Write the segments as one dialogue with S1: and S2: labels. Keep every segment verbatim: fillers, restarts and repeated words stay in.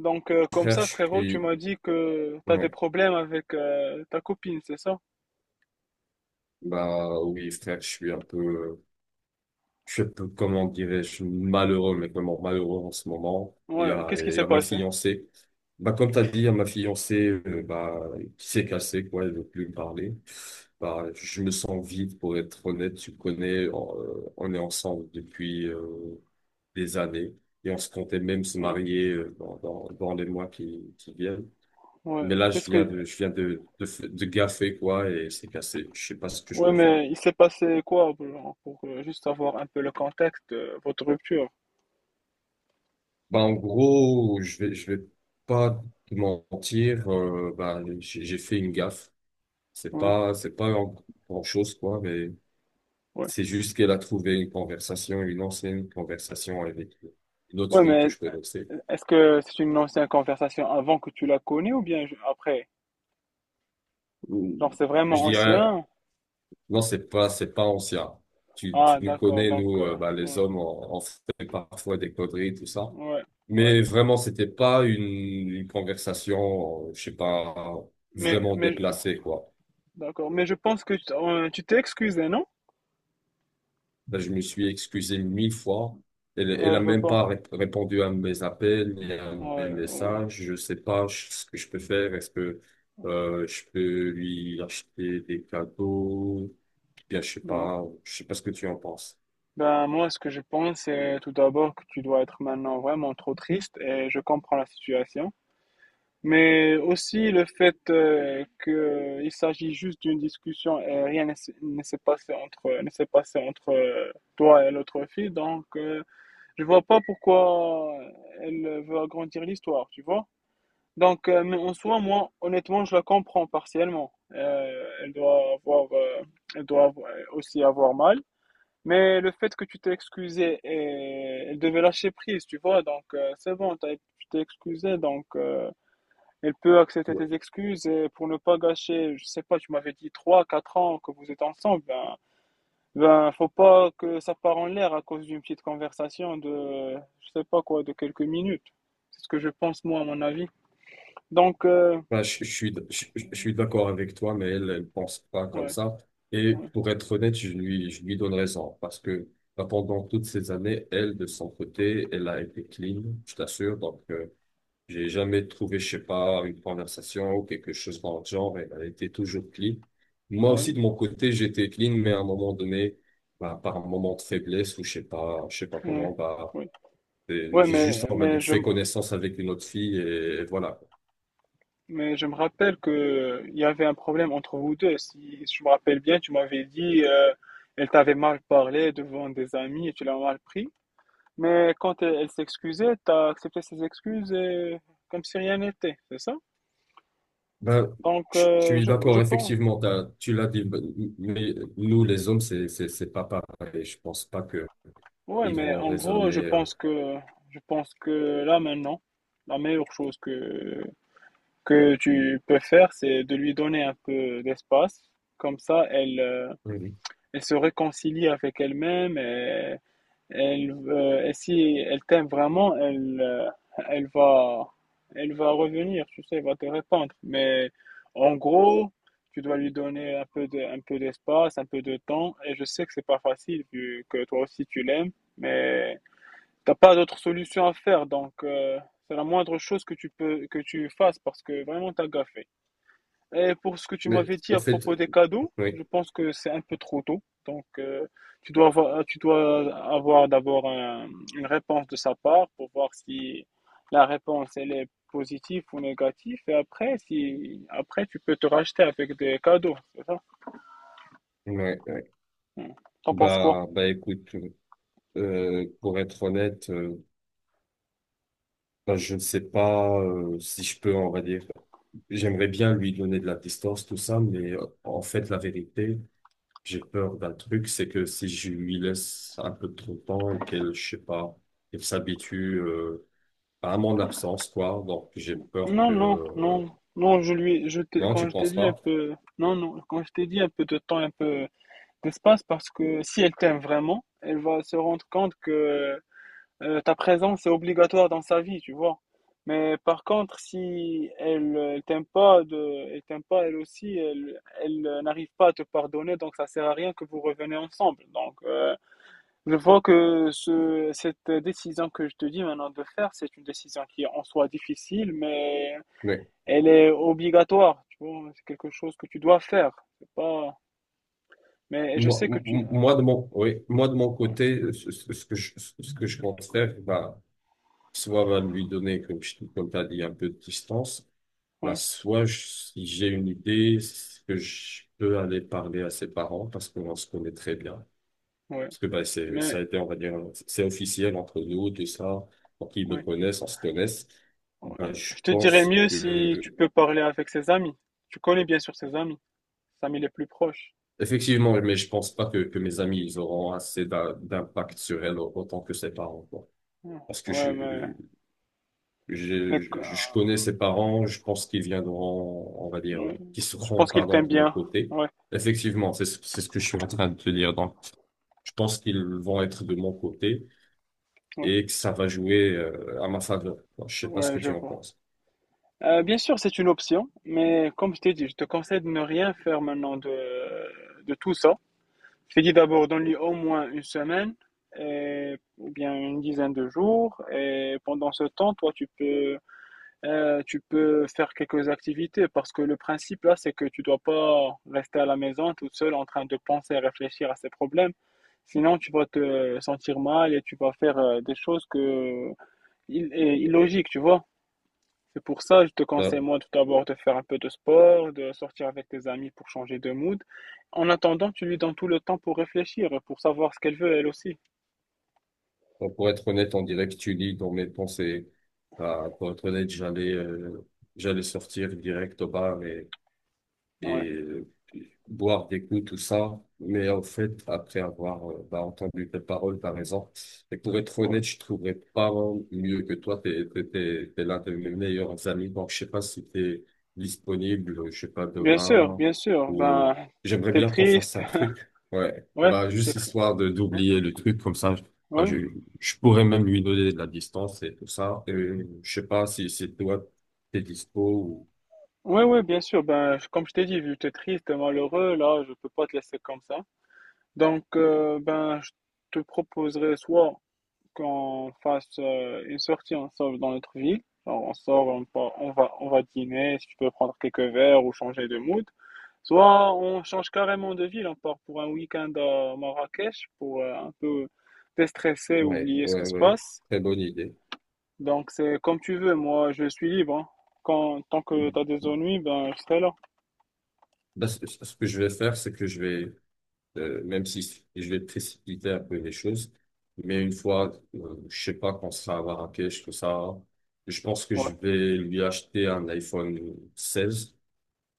S1: Donc, euh, comme
S2: Frère, je
S1: ça, frérot, tu
S2: suis,
S1: m'as dit que t'as des
S2: ouais,
S1: problèmes avec euh, ta copine, c'est ça?
S2: bah oui, frère, je suis un peu, je suis un peu, comment dirais-je, malheureux, mais vraiment malheureux en ce moment. Il y
S1: Ouais,
S2: a,
S1: qu'est-ce qui
S2: il y
S1: s'est
S2: a ma
S1: passé?
S2: fiancée. Bah, comme t'as dit, il y a ma fiancée, euh, bah, qui s'est cassée, quoi, elle veut plus me parler. Bah, je me sens vide, pour être honnête, tu connais, on, euh, on est ensemble depuis, euh, des années. Et on se comptait même se
S1: Ouais,
S2: marier euh, dans, dans, dans, les mois qui, qui viennent. Mais
S1: ouais,
S2: là,
S1: c'est
S2: je
S1: ce
S2: viens
S1: que...
S2: de, je viens de, de, f- de gaffer, quoi, et c'est cassé. Je sais pas ce que je
S1: Ouais,
S2: peux faire.
S1: mais il s'est passé quoi, genre, pour euh, juste avoir un peu le contexte de votre rupture?
S2: Bah, en gros, je vais, je vais pas te mentir, euh, bah, j'ai j'ai fait une gaffe. C'est
S1: Ouais,
S2: pas, c'est pas grand chose, quoi, mais
S1: ouais.
S2: c'est juste qu'elle a trouvé une conversation, une ancienne conversation avec une autre
S1: Ouais,
S2: fille que
S1: mais
S2: je connaissais.
S1: est-ce que c'est une ancienne conversation avant que tu la connais ou bien ju- après? Genre, c'est
S2: Je
S1: vraiment
S2: dirais.
S1: ancien?
S2: Non, c'est pas, c'est pas ancien. Tu, tu
S1: Ah,
S2: nous
S1: d'accord,
S2: connais,
S1: donc...
S2: nous,
S1: euh,
S2: euh, bah, les
S1: ouais,
S2: hommes, on, on fait parfois des conneries, tout ça.
S1: ouais, ouais.
S2: Mais vraiment, c'était pas une, une conversation, euh, je sais pas,
S1: Mais,
S2: vraiment
S1: mais...
S2: déplacée, quoi.
S1: D'accord, mais je pense que tu euh, tu t'es excusé, non?
S2: Là, je me suis excusé mille fois. Elle, elle a
S1: Elle veut
S2: même
S1: pas.
S2: pas ré- répondu à mes appels, ni à mes
S1: Ouais, ouais.
S2: messages. Je sais pas ch- ce que je peux faire. Est-ce que, euh, je peux lui acheter des cadeaux? Bien, je sais
S1: Ouais.
S2: pas. Je sais pas ce que tu en penses.
S1: Ben, moi, ce que je pense, c'est tout d'abord que tu dois être maintenant vraiment trop triste et je comprends la situation. Mais aussi le fait euh, que il s'agit juste d'une discussion et rien ne s'est ne s'est passé entre ne s'est passé entre euh, toi et l'autre fille. Donc, euh, je vois pas pourquoi elle veut agrandir l'histoire, tu vois. Donc, euh, mais en soi, moi, honnêtement, je la comprends partiellement. Euh, elle doit avoir, euh, elle doit avoir- aussi avoir mal. Mais le fait que tu t'es excusé, et elle devait lâcher prise, tu vois, donc euh, c'est bon, t'as- tu t'es excusé, donc euh, elle peut accepter tes excuses et pour ne pas gâcher, je sais pas, tu m'avais dit trois quatre ans que vous êtes ensemble, ben, ben faut pas que ça part en l'air à cause d'une petite conversation de, je sais pas quoi, de quelques minutes. C'est ce que je pense, moi, à mon avis. Donc, euh,
S2: Bah, je, je suis, je, je suis d'accord avec toi, mais elle ne pense pas comme
S1: ouais,
S2: ça. Et
S1: ouais,
S2: pour être honnête, je lui, je lui donne raison parce que bah, pendant toutes ces années, elle, de son côté, elle a été clean, je t'assure. Donc, euh, j'ai jamais trouvé, je sais pas, une conversation ou quelque chose dans le genre. Elle, elle était toujours clean. Moi
S1: ouais,
S2: aussi, de mon côté, j'étais clean, mais à un moment donné, bah, par un moment de faiblesse ou je sais pas, je sais pas
S1: ouais,
S2: comment, bah,
S1: ouais.
S2: euh,
S1: Ouais,
S2: j'ai juste,
S1: mais,
S2: on va dire,
S1: mais je,
S2: fait connaissance avec une autre fille et voilà.
S1: mais je me rappelle que euh, il y avait un problème entre vous deux. Si je me rappelle bien, tu m'avais dit, euh, elle t'avait mal parlé devant des amis et tu l'as mal pris. Mais quand elle, elle s'excusait, t'as accepté ses excuses et comme si rien n'était, c'est ça?
S2: Ben,
S1: Donc,
S2: je je
S1: euh,
S2: suis
S1: je, je
S2: d'accord,
S1: pense,
S2: effectivement, t'as- tu l'as dit, ben, mais nous, les hommes, c'est, c'est, c'est pas pareil. Je pense pas que
S1: ouais,
S2: ils
S1: mais
S2: vont
S1: en gros, je
S2: raisonner. Euh,
S1: pense que, je pense que là maintenant, la meilleure chose que, que tu peux faire, c'est de lui donner un peu d'espace. Comme ça, elle, euh,
S2: Mhm.
S1: elle se réconcilie avec elle-même. Elle, euh, et si elle t'aime vraiment, elle, euh, elle va, elle va revenir, tu sais, elle va te répondre. Mais en gros, tu dois lui donner un peu de, un peu d'espace, un peu de temps. Et je sais que c'est pas facile vu que toi aussi tu l'aimes, mais t'as pas d'autre solution à faire. Donc, euh, c'est la moindre chose que tu peux, que tu fasses parce que vraiment t'as gaffé. Et pour ce que tu
S2: Mais
S1: m'avais dit
S2: en
S1: à
S2: fait,
S1: propos des cadeaux,
S2: oui,
S1: je pense que c'est un peu trop tôt. Donc, euh, tu dois avoir, tu dois avoir d'abord un- une réponse de sa part pour voir si la réponse elle est positive ou négative. Et après, si après tu peux te racheter avec des cadeaux, c'est ça?
S2: oui, oui.
S1: Hmm. T'en penses quoi?
S2: Bah, bah, écoute, euh, pour être honnête, euh, ben, je ne sais pas euh, si je peux, on va dire. J'aimerais bien lui donner de la distance, tout ça, mais euh, en fait, la vérité, j'ai peur d'un truc, c'est que si je lui laisse un peu trop de temps et qu'elle, je sais pas, elle s'habitue, euh, à mon absence, quoi. Donc, j'ai peur
S1: Non,
S2: que
S1: non,
S2: euh,
S1: non, non. Je lui, je t'ai-
S2: Non,
S1: quand
S2: tu
S1: je t'ai
S2: penses
S1: dit un
S2: pas.
S1: peu, non, non, quand je t'ai dit un peu de temps, un peu d'espace, parce que si elle t'aime vraiment, elle va se rendre compte que Euh, ta présence est obligatoire dans sa vie, tu vois. Mais par contre, si elle, euh, elle t'aime pas, de, elle t'aime pas elle aussi, elle, elle, euh, n'arrive pas à te pardonner, donc ça sert à rien que vous reveniez ensemble. Donc, euh, je vois que ce, cette décision que je te dis maintenant de faire, c'est une décision qui est en soi difficile, mais
S2: Mais
S1: elle est obligatoire, tu vois. C'est quelque chose que tu dois faire. C'est pas, mais je
S2: moi,
S1: sais que
S2: m-
S1: tu,
S2: m- moi, de mon, oui, moi, de mon
S1: ouais,
S2: côté, ce, ce- ce que je, ce que je compte faire, bah, soit va lui donner, comme, je- comme tu as dit, un peu de distance, bah,
S1: ouais,
S2: soit je- si j'ai une idée, ce que je peux aller parler à ses parents parce qu'on se connaît très bien.
S1: ouais,
S2: Parce que bah, c'est, ça
S1: mais,
S2: a été, on va dire, c'est officiel entre nous, tout ça. Pour qu'ils me
S1: ouais.
S2: connaissent, on se connaisse.
S1: Ouais.
S2: Ben, je
S1: Je te dirais
S2: pense
S1: mieux si tu
S2: que.
S1: peux parler avec ses amis. Tu connais bien sûr ses amis, ses amis les plus proches.
S2: Effectivement, mais je pense pas que, que mes amis ils auront assez d'a- d'impact sur elle au- autant que ses parents, quoi.
S1: Ouais,
S2: Parce que
S1: ouais, mais,
S2: je,
S1: mais
S2: je,
S1: qu-
S2: je je connais ses parents, je pense qu'ils viendront, on va dire,
S1: ouais,
S2: qu'ils
S1: je
S2: seront,
S1: pense qu'il t'aime
S2: pardon, de mon
S1: bien.
S2: côté.
S1: Ouais,
S2: Effectivement, c'est, ce- c'est ce que je suis en train de te dire. Donc, je pense qu'ils vont être de mon côté
S1: ouais,
S2: et que ça va jouer euh, à ma faveur, quoi. Je sais pas ce
S1: ouais,
S2: que
S1: je
S2: tu en
S1: vois.
S2: penses.
S1: Euh, bien sûr, c'est une option, mais comme je t'ai dit, je te conseille de ne rien faire maintenant de, de tout ça. Je t'ai dit d'abord, donne-lui au moins une semaine, et- ou bien une dizaine de jours, et pendant ce temps, toi, tu peux Euh, tu peux faire quelques activités parce que le principe là, c'est que tu dois pas rester à la maison toute seule en train de penser et réfléchir à ces problèmes. Sinon, tu vas te sentir mal et tu vas faire euh, des choses que il est illogique, tu vois. C'est pour ça, je te conseille
S2: Bah,
S1: moi tout d'abord de faire un peu de sport, de sortir avec tes amis pour changer de mood. En attendant, tu lui donnes tout le temps pour réfléchir, pour savoir ce qu'elle veut elle aussi.
S2: donc, pour être honnête, on dirait que tu lis dans mes pensées. Bah, pour être honnête, j'allais euh, j'allais sortir direct au bar et
S1: Ouais.
S2: euh, boire des coups, tout ça. Mais en fait, après avoir euh, bah, entendu tes paroles, t'as raison. Et pour être
S1: Ouais.
S2: honnête, je trouverais pas mieux que toi. T'es, t'es, t'es, t'es l'un de mes meilleurs amis. Donc, je sais pas si t'es disponible, je sais pas,
S1: Bien sûr,
S2: demain,
S1: bien sûr.
S2: ou euh,
S1: Ben,
S2: j'aimerais
S1: t'es
S2: bien qu'on
S1: triste.
S2: fasse un truc. Ouais,
S1: Ouais,
S2: bah,
S1: t'es
S2: juste
S1: triste.
S2: histoire de
S1: Ouais.
S2: d'oublier le truc, comme ça, je, bah,
S1: Ouais.
S2: je, je pourrais même lui donner de la distance et tout ça. Et je sais pas si c'est toi, t'es dispo ou.
S1: Oui, oui, bien sûr. Ben, je- comme je t'ai dit, vu que tu es triste, malheureux, là, je peux pas te laisser comme ça. Donc, euh, ben, je te proposerais soit qu'on fasse euh, une sortie ensemble dans notre ville. Genre, on sort, on, part- on va, on va dîner, si tu peux prendre quelques verres ou changer de mood. Soit on change carrément de ville, on part pour un week-end à Marrakech pour euh, un peu déstresser,
S2: Ouais,
S1: oublier ce qui
S2: ouais,
S1: se
S2: ouais.
S1: passe.
S2: Très bonne idée.
S1: Donc, c'est comme tu veux. Moi, je suis libre, hein. Quand, tant que tu as des ennuis, ben, je serai là.
S2: Bah, ce ce que je vais faire, c'est que je vais, euh, même si je vais précipiter un peu les choses, mais une fois, euh, je sais pas, qu'on sera à Marrakech, tout ça, je pense que je
S1: Ouais.
S2: vais lui acheter un iPhone seize,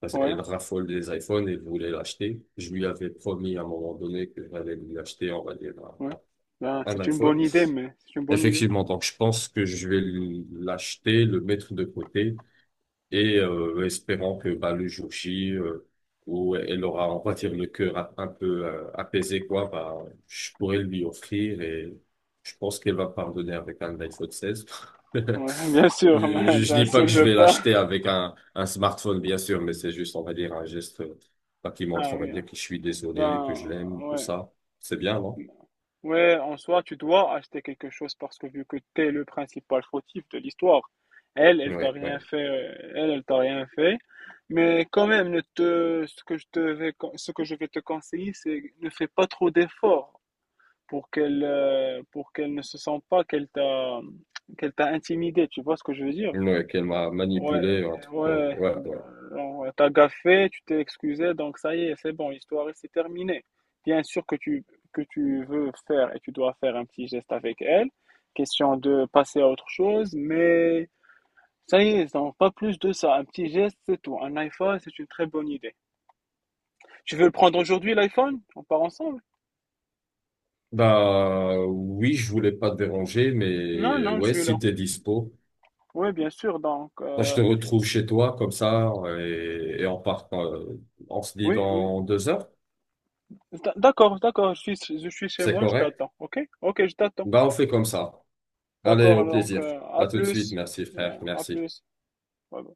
S2: parce
S1: Ouais.
S2: qu'elle raffole des iPhones et voulait l'acheter. Je lui avais promis à un moment donné que j'allais lui acheter, on va dire,
S1: Ouais. Ben,
S2: un, un
S1: c'est une
S2: iPhone.
S1: bonne idée, mais c'est une bonne idée.
S2: Effectivement, donc je pense que je vais lui- l'acheter, le mettre de côté et euh, espérant que bah, le jour J, euh, où elle aura, on va dire, le cœur un un peu euh, apaisé, quoi, bah, je pourrais lui offrir et je pense qu'elle va pardonner avec un iPhone seize.
S1: Ouais, bien
S2: Je,
S1: sûr. Ben,
S2: je
S1: ben,
S2: dis pas que
S1: s'il
S2: je
S1: veut
S2: vais
S1: pas.
S2: l'acheter avec un, un smartphone, bien sûr, mais c'est juste, on va dire, un geste euh, bah, qui montre,
S1: Ah
S2: on va
S1: oui, hein.
S2: dire, que je suis désolé, que
S1: Ben,
S2: je l'aime, tout
S1: ouais.
S2: ça. C'est bien, non?
S1: Ouais, en soi, tu dois acheter quelque chose parce que vu que t'es le principal fautif de l'histoire, elle, elle t'a
S2: Ouais,
S1: rien
S2: ouais.
S1: fait, euh, elle, elle t'a rien fait. Mais quand même, ne te, ce que je te vais, con- ce que je vais te conseiller, c'est ne fais pas trop d'efforts pour qu'elle, euh, pour qu'elle ne se sente pas qu'elle t'a, qu'elle t'a intimidé. Tu vois ce que je veux dire?
S2: Ouais, qu'elle m'a
S1: Ouais,
S2: manipulé, un
S1: euh,
S2: truc.
S1: ouais,
S2: Ouais,
S1: bah,
S2: ouais.
S1: genre, t'as gaffé, tu t'es excusé, donc ça y est, c'est bon, l'histoire c'est terminée. Bien sûr que tu, que tu veux faire et tu dois faire un petit geste avec elle, question de passer à autre chose, mais ça y est, donc pas plus de ça. Un petit geste, c'est tout. Un iPhone, c'est une très bonne idée. Tu veux le prendre aujourd'hui, l'iPhone? On part ensemble?
S2: Bah oui, je voulais pas te déranger,
S1: Non,
S2: mais
S1: non, je
S2: ouais,
S1: suis là.
S2: si t'es dispo,
S1: Oui, bien sûr, donc,
S2: bah, je
S1: euh,
S2: te retrouve chez toi comme ça et, et on part, euh, on se dit
S1: oui, oui.
S2: dans deux heures,
S1: D'ac- D'accord, d'accord, je suis, je suis chez
S2: c'est
S1: moi, je
S2: correct?
S1: t'attends, ok? Ok, je t'attends.
S2: Bah on fait comme ça. Allez,
S1: D'accord,
S2: au
S1: donc
S2: plaisir.
S1: euh, à
S2: À tout de suite.
S1: plus.
S2: Merci frère.
S1: Yeah, à
S2: Merci.
S1: plus. Bye bye.